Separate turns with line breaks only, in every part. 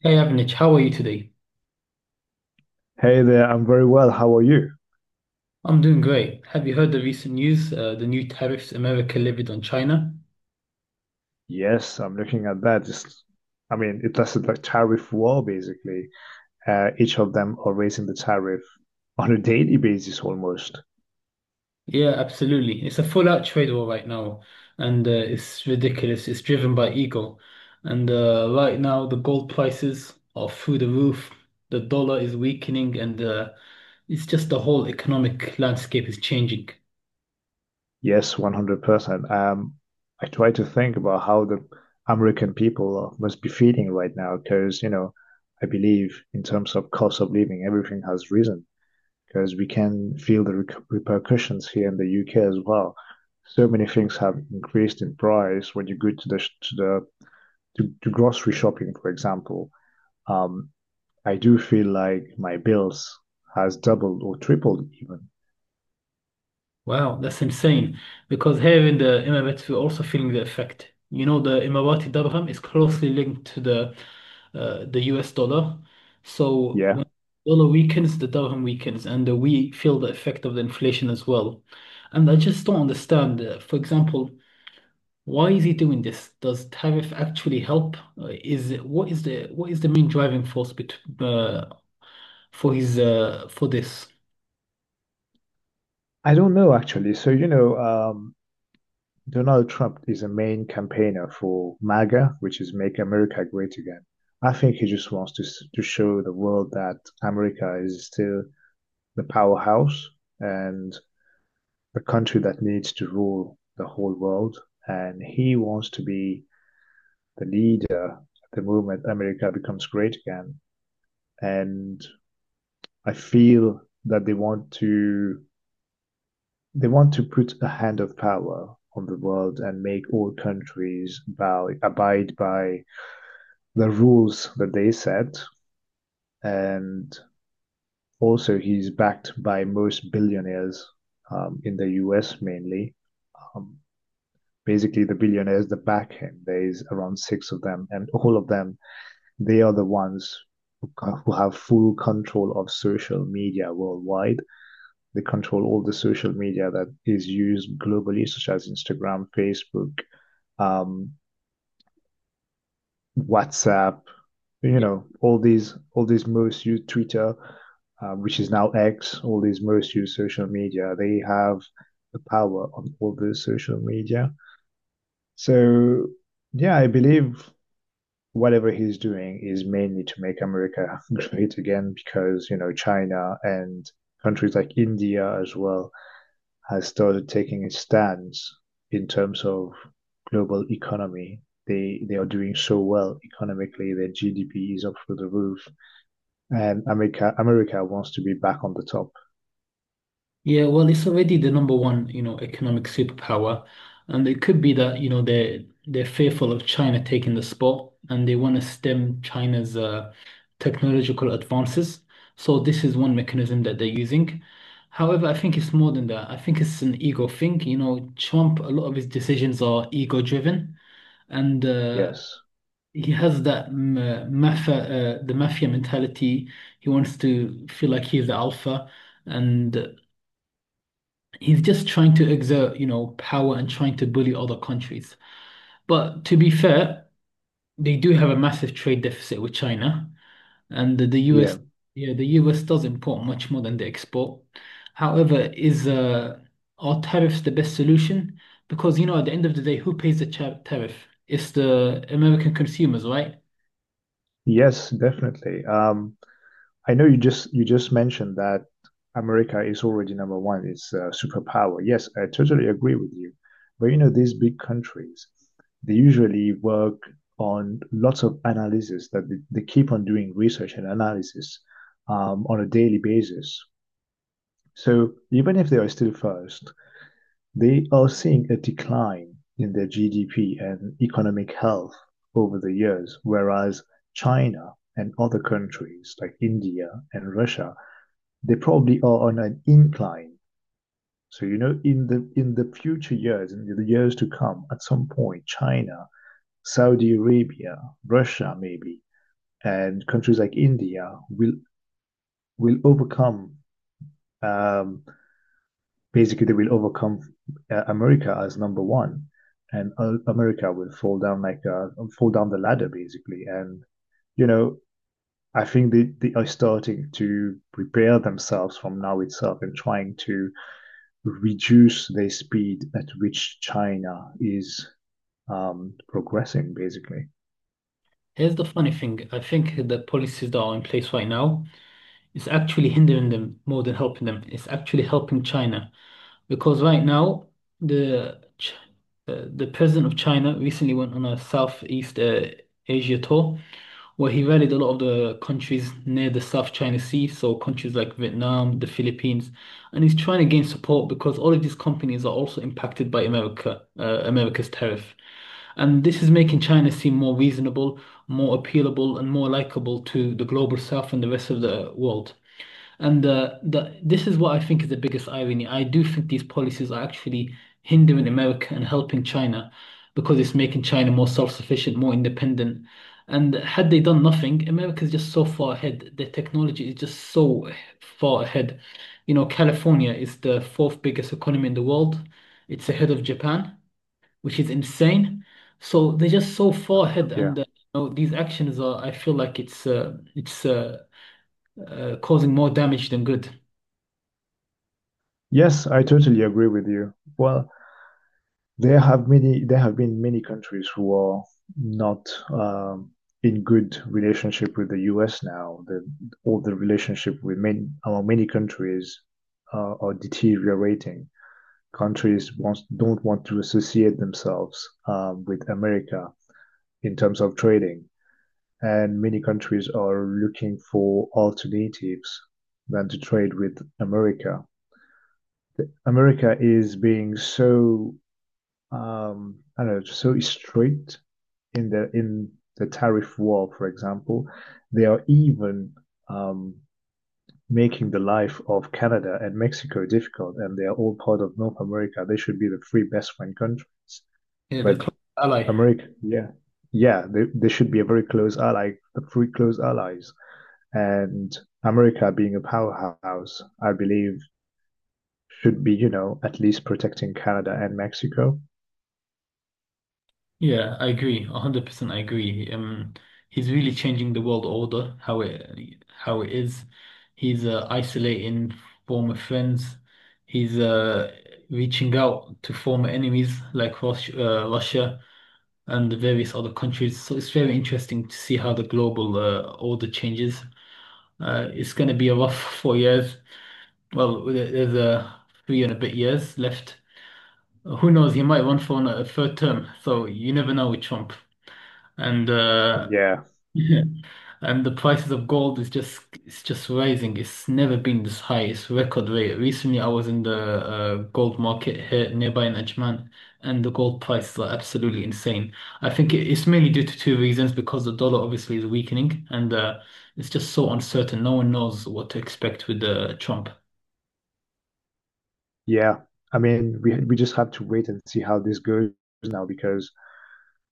Hey Avnich, how are you today?
Hey there, I'm very well. How are you?
I'm doing great. Have you heard the recent news? The new tariffs America levied on China?
Yes, I'm looking at that. It lasted like tariff war basically. Each of them are raising the tariff on a daily basis almost.
Yeah, absolutely. It's a full-out trade war right now, and it's ridiculous. It's driven by ego. And right now, the gold prices are through the roof. The dollar is weakening, and it's just the whole economic landscape is changing.
Yes, 100%. I try to think about how the American people must be feeling right now because, I believe in terms of cost of living, everything has risen because we can feel the rec repercussions here in the UK as well, so many things have increased in price when you go to the to the to grocery shopping, for example. um, I do feel like my bills has doubled or tripled even.
Wow, that's insane. Because here in the Emirates, we're also feeling the effect. You know, the Emirati dirham is closely linked to the the US dollar. So
Yeah.
when dollar weakens, the dirham weakens, and we feel the effect of the inflation as well. And I just don't understand. For example, why is he doing this? Does tariff actually help? Is it- what is the main driving force bet for his for this?
I don't know actually. So, Donald Trump is a main campaigner for MAGA, which is Make America Great Again. I think he just wants to to show the world that America is still the powerhouse and the country that needs to rule the whole world. And he wants to be the leader at the moment America becomes great again. And I feel that they want to put a hand of power on the world and make all countries bow, abide by the rules that they set. And also, he's backed by most billionaires in the US mainly. Um, basically, the billionaires that back him, there's around six of them, and all of them, they are the ones who, who have full control of social media worldwide. They control all the social media that is used globally, such as Instagram, Facebook, um, WhatsApp, you
Yeah.
know, all these most used Twitter, which is now X, all these most used social media. They have the power on all those social media. So yeah, I believe whatever he's doing is mainly to make America great again because you know China and countries like India as well has started taking a stance in terms of global economy. They are doing so well economically. Their GDP is up through the roof, and America wants to be back on the top.
Yeah, well, it's already the number one, you know, economic superpower, and it could be that, you know, they're fearful of China taking the spot, and they want to stem China's technological advances. So this is one mechanism that they're using. However, I think it's more than that. I think it's an ego thing. You know, Trump, a lot of his decisions are ego-driven, and
Yes,
he has that mafia mentality. He wants to feel like he's the alpha. And he's just trying to exert, you know, power and trying to bully other countries. But to be fair, they do have a massive trade deficit with China, and the
yeah,
US, yeah, the US does import much more than they export. However, is Are tariffs the best solution? Because you know, at the end of the day, who pays the tariff? It's the American consumers, right?
yes, definitely. I know you just mentioned that America is already number one. It's a superpower. Yes, I totally agree with you. But you know, these big countries, they usually work on lots of analysis that they keep on doing research and analysis on a daily basis. So even if they are still first, they are seeing a decline in their GDP and economic health over the years, whereas China and other countries like India and Russia they probably are on an incline. So you know, in the future years, in the years to come, at some point, China, Saudi Arabia, Russia, maybe, and countries like India will overcome. Um, basically, they will overcome America as number one, and America will fall down like fall down the ladder basically. And you know, I think they are starting to prepare themselves from now itself and trying to reduce the speed at which China is progressing, basically.
Here's the funny thing. I think the policies that are in place right now is actually hindering them more than helping them. It's actually helping China. Because right now, the Ch- the president of China recently went on a Southeast Asia tour where he rallied a lot of the countries near the South China Sea, so countries like Vietnam, the Philippines, and he's trying to gain support because all of these companies are also impacted by America's tariff. And this is making China seem more reasonable, more appealable, and more likable to the global south and the rest of the world. And this is what I think is the biggest irony. I do think these policies are actually hindering America and helping China because it's making China more self-sufficient, more independent. And had they done nothing, America is just so far ahead. Their technology is just so far ahead. You know, California is the fourth biggest economy in the world. It's ahead of Japan, which is insane. So they're just so far ahead,
Yeah.
and you know, these actions are. I feel like it's causing more damage than good.
Yes, I totally agree with you. Well, there have been many countries who are not in good relationship with the U.S. now. The all the relationship with many among many countries are deteriorating. Don't want to associate themselves with America in terms of trading, and many countries are looking for alternatives than to trade with America. America is being so I don't know, so strict in the tariff war, for example, they are even um, making the life of Canada and Mexico difficult, and they are all part of North America. They should be the three best friend countries.
Yeah, the
But
close ally.
America, yeah, yeah, they should be a very close ally, the three close allies. And America, being a powerhouse, I believe, should be, you know, at least protecting Canada and Mexico.
Yeah, I agree. 100% I agree. He's really changing the world order, how it is. He's isolating former friends. He's reaching out to former enemies like Russia and the various other countries. So it's very interesting to see how the global order changes. It's going to be a rough 4 years. Well, there's three and a bit years left. Who knows? He might run for a third term, so you never know with Trump. And
Yeah,
and the prices of gold is just it's just rising. It's never been this high. It's record rate. Recently, I was in the gold market here nearby in Ajman, and the gold prices are absolutely insane. It's mainly due to two reasons, because the dollar obviously is weakening, and it's just so uncertain. No one knows what to expect with Trump.
yeah. I mean, we just have to wait and see how this goes now because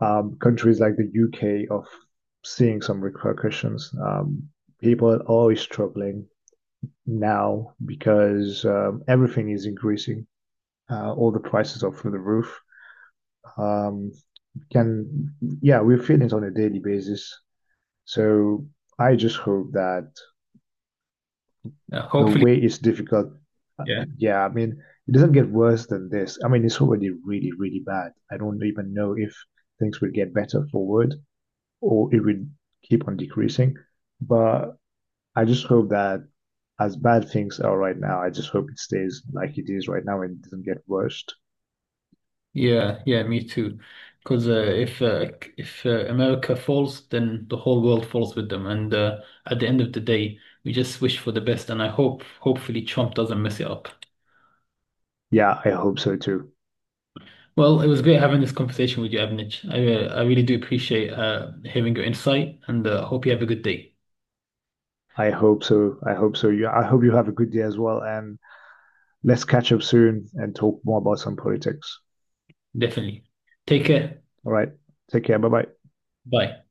countries like the UK are seeing some repercussions. People are always struggling now because everything is increasing. All the prices are through the roof. um, can, yeah, we feel it on a daily basis. So I just hope that the
Hopefully.
way is difficult. uh,
Yeah.
Yeah, I mean, it doesn't get worse than this. I mean, it's already really, really bad. I don't even know if things will get better forward or it will keep on decreasing. But I just hope that as bad things are right now, I just hope it stays like it is right now and doesn't get worse.
Yeah, yeah, me too. Because if America falls, then the whole world falls with them. And at the end of the day, we just wish for the best. And I hope, hopefully, Trump doesn't mess it up.
Yeah, I hope so too.
Well, it was great having this conversation with you, Avnich. I really do appreciate hearing your insight, and hope you have a good day.
I hope so. I hope so. You, I hope you have a good day as well, and let's catch up soon and talk more about some politics.
Definitely. Take care.
All right. Take care. Bye bye.
Bye.